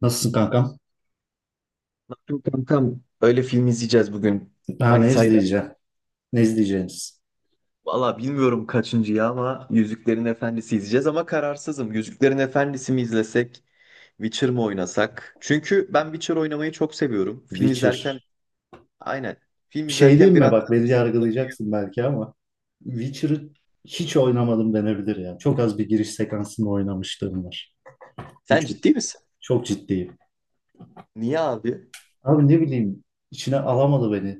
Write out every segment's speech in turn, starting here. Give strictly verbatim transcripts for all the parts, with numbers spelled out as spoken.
Nasılsın kankam? Tam tam öyle film izleyeceğiz bugün Ha, ne Manitayla. izleyeceğim? Ne izleyeceğiniz? Valla bilmiyorum kaçıncı ya ama Yüzüklerin Efendisi izleyeceğiz ama kararsızım. Yüzüklerin Efendisi mi izlesek, Witcher mı oynasak? Çünkü ben Witcher oynamayı çok seviyorum. Film Witcher. izlerken aynen. Film Bir şey izlerken diyeyim mi? biraz. Bak, beni yargılayacaksın belki ama Witcher'ı hiç oynamadım denebilir ya. Çok az bir giriş sekansını oynamışlığım var. Sen Üç. ciddi misin? Çok ciddiyim. Niye abi? Abi ne bileyim, içine alamadı beni.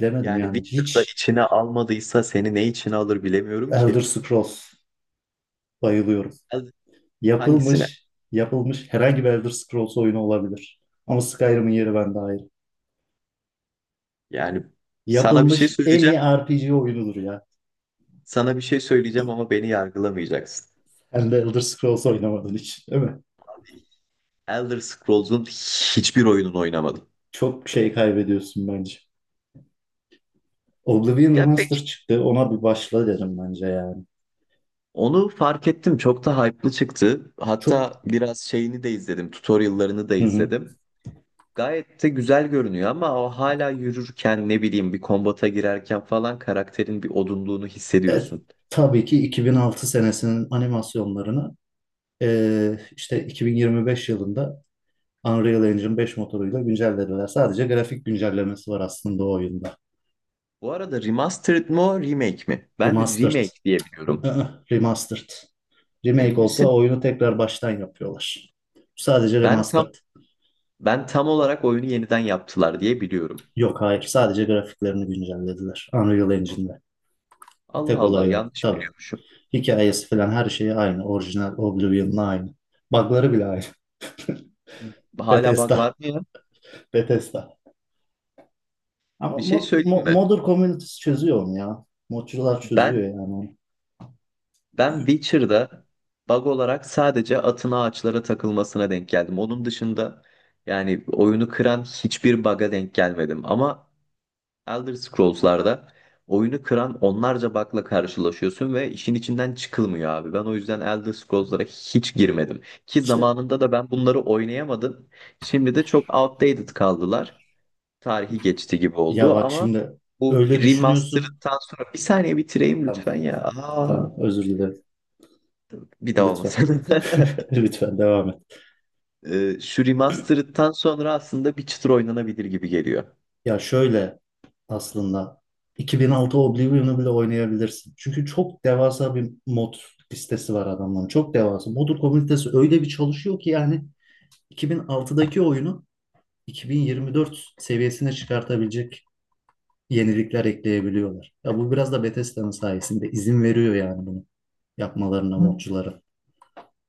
Bilemedim Yani yani. Witcher'da Hiç içine almadıysa seni ne içine alır bilemiyorum Elder ki. Scrolls bayılıyorum. Hadi. Hangisine? Yapılmış, yapılmış herhangi bir Elder Scrolls oyunu olabilir. Ama Skyrim'in yeri bende ayrı. Yani sana bir şey Yapılmış en söyleyeceğim. iyi R P G oyunudur ya. Sana bir şey söyleyeceğim ama beni yargılamayacaksın. Hem de Elder Scrolls oynamadığın hiç, değil mi? Elder Scrolls'un hiçbir oyununu oynamadım. Çok şey kaybediyorsun bence. Oblivion Ya pek Remaster çıktı. Ona bir başla derim bence yani. onu fark ettim. Çok da hype'lı çıktı. Çok. Hatta biraz şeyini de izledim. Tutorial'larını da Hı hı. izledim. Gayet de güzel görünüyor ama o hala yürürken ne bileyim bir kombata girerken falan karakterin bir odunluğunu E, hissediyorsun. tabii ki iki bin altı senesinin animasyonlarını e, işte iki bin yirmi beş yılında Unreal Engine beş motoruyla güncellediler. Sadece grafik güncellemesi var aslında o oyunda. Bu arada remastered mı remake mi? Ben Remastered. remake diye biliyorum. Hı-hı, Remastered. Emin Remake misin? olsa oyunu tekrar baştan yapıyorlar. Sadece Ben tam remastered. Ben tam olarak oyunu yeniden yaptılar diye biliyorum. Yok, hayır, sadece grafiklerini güncellediler Unreal Engine'de. Allah Tek Allah olay o yanlış tabii. biliyormuşum. Hikayesi falan, her şeyi aynı. Orijinal Oblivion'la aynı. Bug'ları bile aynı. Hala bug Bethesda. var mı ya? Bethesda. Ama Bir şey mod, söyleyeyim mo- mi? modder community'si çözüyor onu ya. Modcular Ben çözüyor yani onu. Ben Witcher'da bug olarak sadece atın ağaçlara takılmasına denk geldim. Onun dışında yani oyunu kıran hiçbir bug'a denk gelmedim. Ama Elder Scrolls'larda oyunu kıran onlarca bug'la karşılaşıyorsun ve işin içinden çıkılmıyor abi. Ben o yüzden Elder Scrolls'lara hiç girmedim. Ki İşte zamanında da ben bunları oynayamadım. Şimdi de çok outdated kaldılar. Tarihi geçti gibi ya, oldu bak ama şimdi bu öyle düşünüyorsun. remaster'dan sonra bir saniye bitireyim lütfen Tamam. ya. Aa. Tamam, özür dilerim. Bir daha Lütfen. olmasın. Lütfen devam et. Ee, şu remastered'tan sonra aslında bir çıtır oynanabilir gibi geliyor. Ya şöyle, aslında iki bin altı Oblivion'u bile oynayabilirsin. Çünkü çok devasa bir mod listesi var adamların. Çok devasa. Modur komünitesi öyle bir çalışıyor ki, yani iki bin altıdaki oyunu iki bin yirmi dört seviyesine çıkartabilecek yenilikler ekleyebiliyorlar. Ya bu biraz da Bethesda'nın sayesinde, izin veriyor yani bunu yapmalarına, Hı. modculara.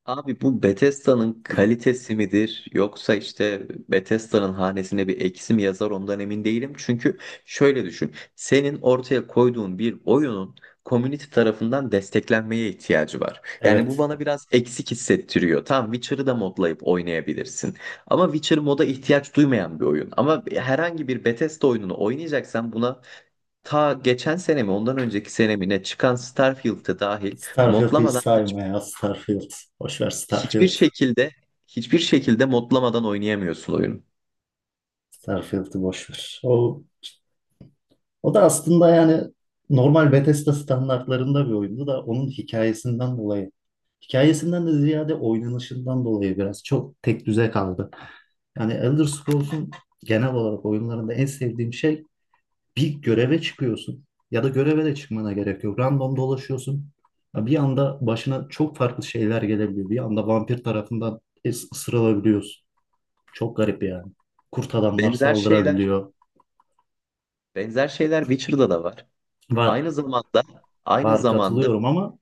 Abi bu Bethesda'nın kalitesi midir yoksa işte Bethesda'nın hanesine bir eksi mi yazar ondan emin değilim. Çünkü şöyle düşün. Senin ortaya koyduğun bir oyunun community tarafından desteklenmeye ihtiyacı var. Yani bu Evet. bana biraz eksik hissettiriyor. Tamam Witcher'ı da modlayıp oynayabilirsin. Ama Witcher moda ihtiyaç duymayan bir oyun. Ama herhangi bir Bethesda oyununu oynayacaksan buna ta geçen sene mi ondan önceki sene mi ne çıkan Starfield'e dahil Starfield'ı hiç modlamadan hiç, sayma ya, Starfield. Boş ver hiçbir Starfield. şekilde hiçbir şekilde modlamadan oynayamıyorsun oyunu. Starfield'ı boş ver. O O da aslında yani normal Bethesda standartlarında bir oyundu da, onun hikayesinden dolayı. Hikayesinden de ziyade oynanışından dolayı biraz çok tek düze kaldı. Yani Elder Scrolls'un genel olarak oyunlarında en sevdiğim şey, bir göreve çıkıyorsun ya da göreve de çıkmana gerek yok. Random dolaşıyorsun. Ya, bir anda başına çok farklı şeyler gelebiliyor. Bir anda vampir tarafından is- ısırılabiliyorsun. Çok garip yani. Kurt adamlar Benzer şeyler, saldırabiliyor. Benzer şeyler Witcher'da da var. Var, Aynı zamanda, aynı var, zamanda, katılıyorum ama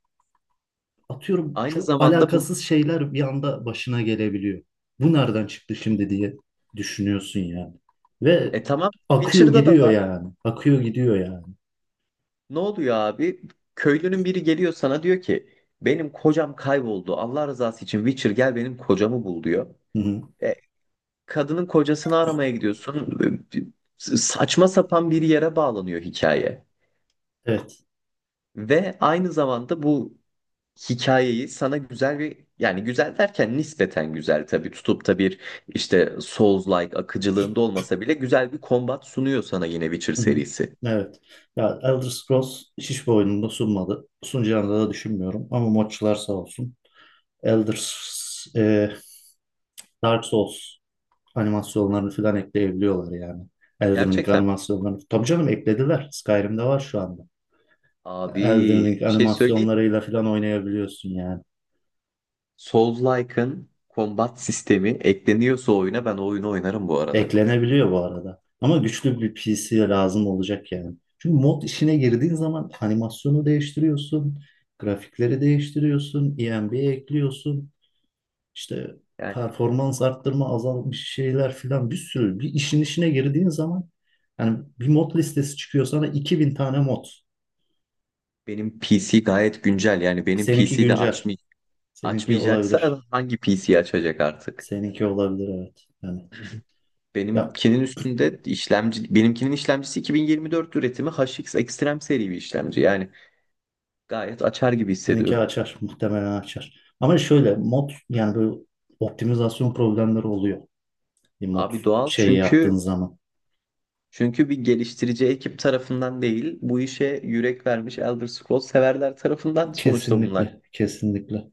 atıyorum, Aynı çok zamanda bu alakasız şeyler bir anda başına gelebiliyor. Bu nereden çıktı şimdi diye düşünüyorsun yani. Ve e tamam akıyor Witcher'da da gidiyor var. yani. Akıyor gidiyor yani. Ne oluyor abi? Köylünün biri geliyor sana diyor ki benim kocam kayboldu. Allah rızası için Witcher gel benim kocamı bul diyor. Hı-hı. E Kadının kocasını aramaya gidiyorsun. Saçma sapan bir yere bağlanıyor hikaye. Evet. Ve aynı zamanda bu hikayeyi sana güzel bir yani güzel derken nispeten güzel tabii tutup da bir işte Souls-like akıcılığında olmasa bile güzel bir kombat sunuyor sana yine Witcher Hı-hı. serisi. Evet. Ya Elder Scrolls hiçbir oyununda sunmadı. Sunacağını da düşünmüyorum ama modçular sağ olsun. Elder S- e, Dark Souls animasyonlarını falan ekleyebiliyorlar yani. Elden Ring Gerçekten animasyonlarını. Tabii canım, eklediler. Skyrim'de var şu anda. abi Elden Ring bir şey söyleyeyim. animasyonlarıyla falan oynayabiliyorsun yani. Souls-like'ın kombat sistemi ekleniyorsa oyuna ben o oyunu oynarım bu arada. Eklenebiliyor bu arada. Ama güçlü bir P C lazım olacak yani. Çünkü mod işine girdiğin zaman animasyonu değiştiriyorsun, grafikleri değiştiriyorsun, E M B ekliyorsun, işte Yani performans arttırma azalmış şeyler filan, bir sürü. Bir işin işine girdiğin zaman yani bir mod listesi çıkıyor sana, iki bin tane mod. benim P C gayet güncel. Yani benim Seninki P C'de güncel. açmayacağım. Seninki Açmayacaksa olabilir. hangi P C'yi açacak artık? Seninki olabilir, evet. Yani ya, Benimkinin üstünde işlemci, benimkinin işlemcisi iki bin yirmi dört üretimi H X Extreme seri bir işlemci. Yani gayet açar gibi Seninki hissediyorum. açar. Muhtemelen açar. Ama şöyle mod, yani böyle optimizasyon problemleri oluyor. Bir mod Abi doğal şeyi çünkü yaptığın zaman. çünkü bir geliştirici ekip tarafından değil, bu işe yürek vermiş Elder Scrolls severler tarafından sonuçta bunlar. Kesinlikle. Kesinlikle.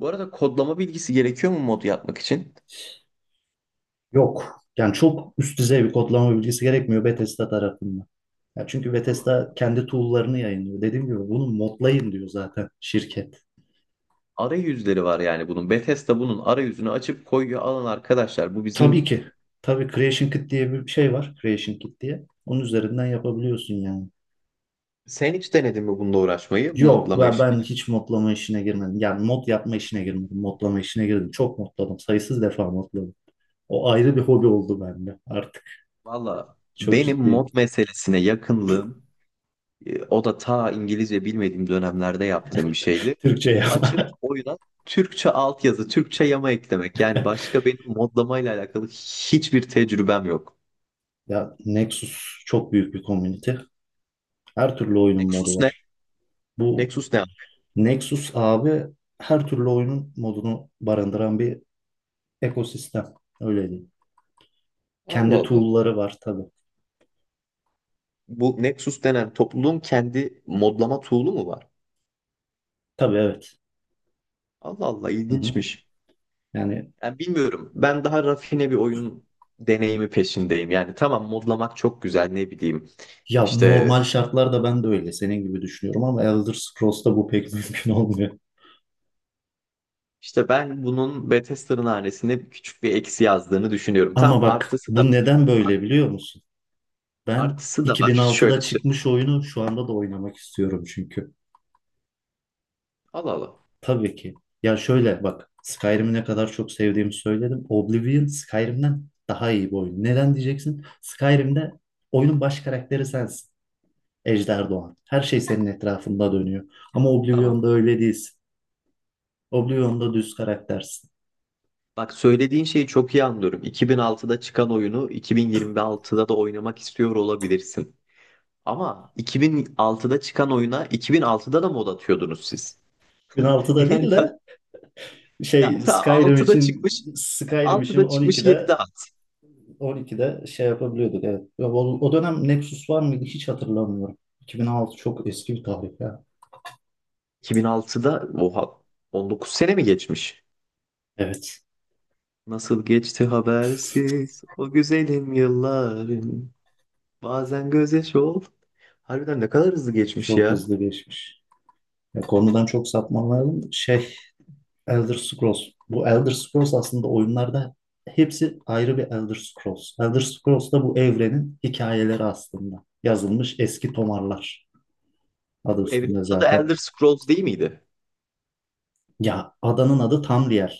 Bu arada kodlama bilgisi gerekiyor mu mod yapmak için? Yok. Yani çok üst düzey bir kodlama bilgisi gerekmiyor Bethesda tarafından. Ya çünkü Allah Allah. Bethesda kendi tool'larını yayınlıyor. Dediğim gibi bunu modlayın diyor zaten şirket. Arayüzleri var yani bunun. Bethesda bunun arayüzünü açıp koyuyor. Alın arkadaşlar bu Tabii bizim... ki. Tabii Creation Kit diye bir şey var. Creation Kit diye. Onun üzerinden yapabiliyorsun yani. Sen hiç denedin mi bununla uğraşmayı, Yok, modlamayı? ben, ben hiç modlama işine girmedim. Yani mod yapma işine girmedim. Modlama işine girdim. Çok modladım. Sayısız defa modladım. O ayrı bir hobi oldu bende artık. Valla Çok benim mod ciddiyim. meselesine yakınlığım e, o da ta İngilizce bilmediğim dönemlerde yaptığım bir şeydi. Türkçe yapma. Açıp oyuna Türkçe altyazı, Türkçe yama eklemek. Yani başka benim modlamayla alakalı hiçbir tecrübem yok. Ya Nexus çok büyük bir komünite. Her türlü oyunun modu Nexus ne? var. Bu Nexus ne, abi? Nexus abi, her türlü oyunun modunu barındıran bir ekosistem. Öyle diyeyim. Allah Kendi Allah. tool'ları var tabii. Bu Nexus denen topluluğun kendi modlama tool'u mu var? Tabii, evet. Allah Allah Hı hı. ilginçmiş. Yani Yani bilmiyorum. Ben daha rafine bir oyun deneyimi peşindeyim. Yani tamam modlamak çok güzel ne bileyim. ya, İşte normal şartlarda ben de öyle senin gibi düşünüyorum ama Elder Scrolls'ta bu pek mümkün olmuyor. İşte ben bunun Bethesda'nın hanesine küçük bir eksi yazdığını düşünüyorum. Ama Tam bak, artısı da bu neden böyle biliyor musun? Ben artısı da var. Şöyle iki bin altıda söyleyeyim. çıkmış oyunu şu anda da oynamak istiyorum çünkü. Allah Allah. Tabii ki. Ya şöyle bak, Skyrim'i ne kadar çok sevdiğimi söyledim. Oblivion Skyrim'den daha iyi bir oyun. Neden diyeceksin? Skyrim'de oyunun baş karakteri sensin. Ejder Doğan. Her şey senin etrafında dönüyor. Ama Tamam. Oblivion'da öyle değilsin. Oblivion'da düz karaktersin. Bak söylediğin şeyi çok iyi anlıyorum. iki bin altıda çıkan oyunu iki bin yirmi altıda da oynamak istiyor olabilirsin. Ama iki bin altıda çıkan oyuna iki bin altıda da mod atıyordunuz siz. iki bin altıda Yani değil ben, de Şey ya ta Skyrim altıda için çıkmış Skyrim için altıda çıkmış 12'de yedide at. 12'de şey yapabiliyorduk, evet. Ya O, o dönem Nexus var mıydı hiç hatırlamıyorum. iki bin altı çok eski bir tarih ya. iki bin altıda oha on dokuz sene mi geçmiş? Evet. Nasıl geçti habersiz o güzelim yıllarım. Bazen gözyaşı ol. Harbiden ne kadar hızlı geçmiş Çok ya. hızlı geçmiş. Ya, konudan çok sapmamayalım. Şey Elder Scrolls. Bu Elder Scrolls aslında oyunlarda hepsi ayrı bir Elder Scrolls. Elder Scrolls da bu evrenin hikayeleri aslında. Yazılmış eski tomarlar. Adı Bu evrenin üstünde adı zaten. Elder Scrolls değil miydi? Ya adanın adı Tamriel.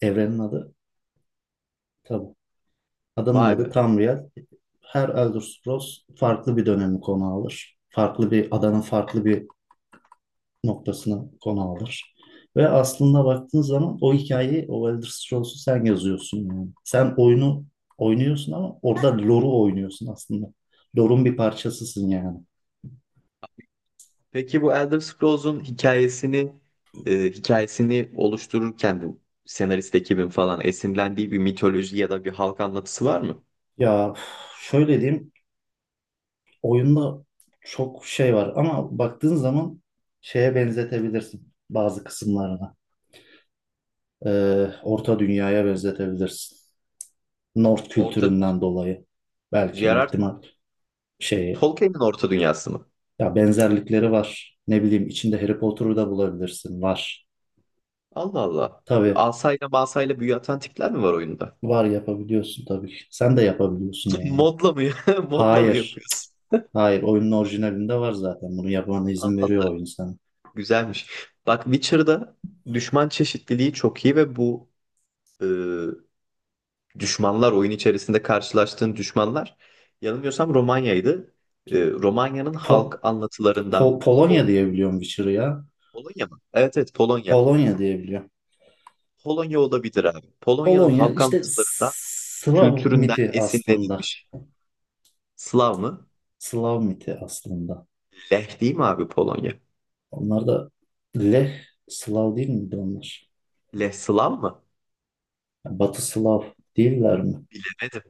Evrenin adı tabii. Adamın Vay adı be. Tamriel. Her Elder Scrolls farklı bir dönemi konu alır. Farklı bir adanın farklı bir noktasını konu alır. Ve aslında baktığın zaman o hikayeyi, o Elder Scrolls'u sen yazıyorsun yani. Sen oyunu oynuyorsun ama orada lore'u oynuyorsun aslında. Lore'un bir parçasısın yani. Peki bu Elder Scrolls'un hikayesini e, hikayesini oluştururken bu senarist ekibin falan esinlendiği bir mitoloji ya da bir halk anlatısı var mı? Ya üf, şöyle diyeyim, oyunda çok şey var ama baktığın zaman şeye benzetebilirsin bazı kısımlarına. Ee, Orta Dünya'ya benzetebilirsin. North Orta kültüründen dolayı, belki bir J R R. ihtimal şeyi. Tolkien'in Orta Dünyası mı? Ya benzerlikleri var. Ne bileyim, içinde Harry Potter'ı da bulabilirsin. Var. Allah Allah. Tabii Asayla masayla büyü atan tipler mi var oyunda? var, yapabiliyorsun tabii ki. Sen de yapabiliyorsun yani. Modla mı? Modla mı Hayır. yapıyorsun? Hayır, oyunun orijinalinde var zaten. Bunu yapmana izin veriyor oyun sana. Güzelmiş. Bak Witcher'da düşman çeşitliliği çok iyi ve bu e, düşmanlar oyun içerisinde karşılaştığın düşmanlar yanılmıyorsam Romanya'ydı. E, Romanya'nın Po halk Po- anlatılarından Pol- Polonya diyebiliyorum Witcher'ı ya. Polonya mı? Evet evet Polonya. Polonya diyebiliyorum. Polonya olabilir abi. Polonya'nın Polonya halk işte anlatılarından Slav kültüründen miti aslında. esinlenilmiş. Slav mı? Slav miti aslında. Leh değil mi abi Polonya? Onlar da Leh, Slav değil miydi onlar? Leh Slav mı? Batı Slav değiller mi? Bilemedim.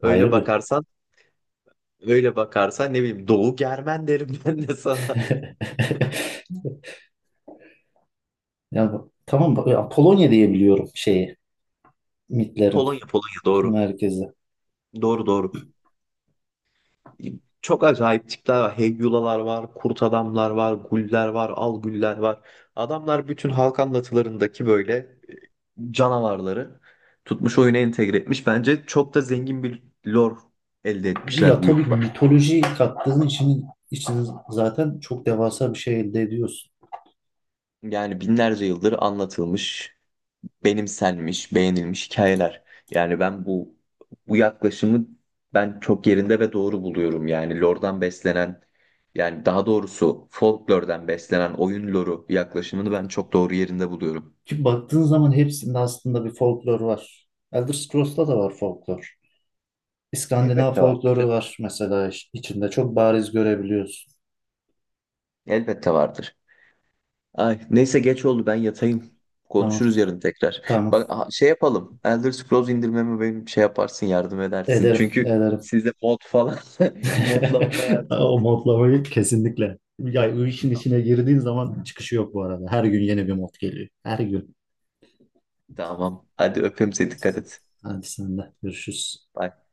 Öyle Ayrı bir. bakarsan Öyle bakarsan ne bileyim Doğu Germen derim ben de sana. Ya bu- tamam bak, ya Polonya diye biliyorum şeyi, mitlerin Polonya, Polonya doğru. merkezi. Doğru doğru. Çok acayip tipler var. Heyyulalar var, kurt adamlar var, guller var, al güller var. Adamlar bütün halk anlatılarındaki böyle e, canavarları tutmuş oyuna entegre etmiş. Bence çok da zengin bir lore elde Ya etmişler bu tabii, yolda. mitoloji kattığın için için zaten çok devasa bir şey elde ediyorsun. Yani binlerce yıldır anlatılmış benimsenmiş, beğenilmiş hikayeler. Yani ben bu bu yaklaşımı ben çok yerinde ve doğru buluyorum. Yani lore'dan beslenen yani daha doğrusu folklor'dan beslenen oyun lore'u yaklaşımını ben çok doğru yerinde buluyorum. Ki baktığın zaman hepsinde aslında bir folklor var. Elder Scrolls'ta da var folklor. İskandinav Elbette vardır. folkloru var mesela, iç- içinde çok bariz görebiliyorsun. Elbette vardır. Ay, neyse geç oldu ben yatayım. Tamam, Konuşuruz yarın tekrar. tamam. Bak aha, şey yapalım. Elder Scrolls indirmemi benim şey yaparsın yardım edersin. Ederim, Çünkü ederim. size mod falan modlamama yardım et. O modlamayı kesinlikle. Ya o işin içine girdiğin zaman çıkışı yok bu arada. Her gün yeni bir mod geliyor. Her gün. Tamam. Hadi öpeyim seni dikkat et. Hadi, sen de, görüşürüz. Bay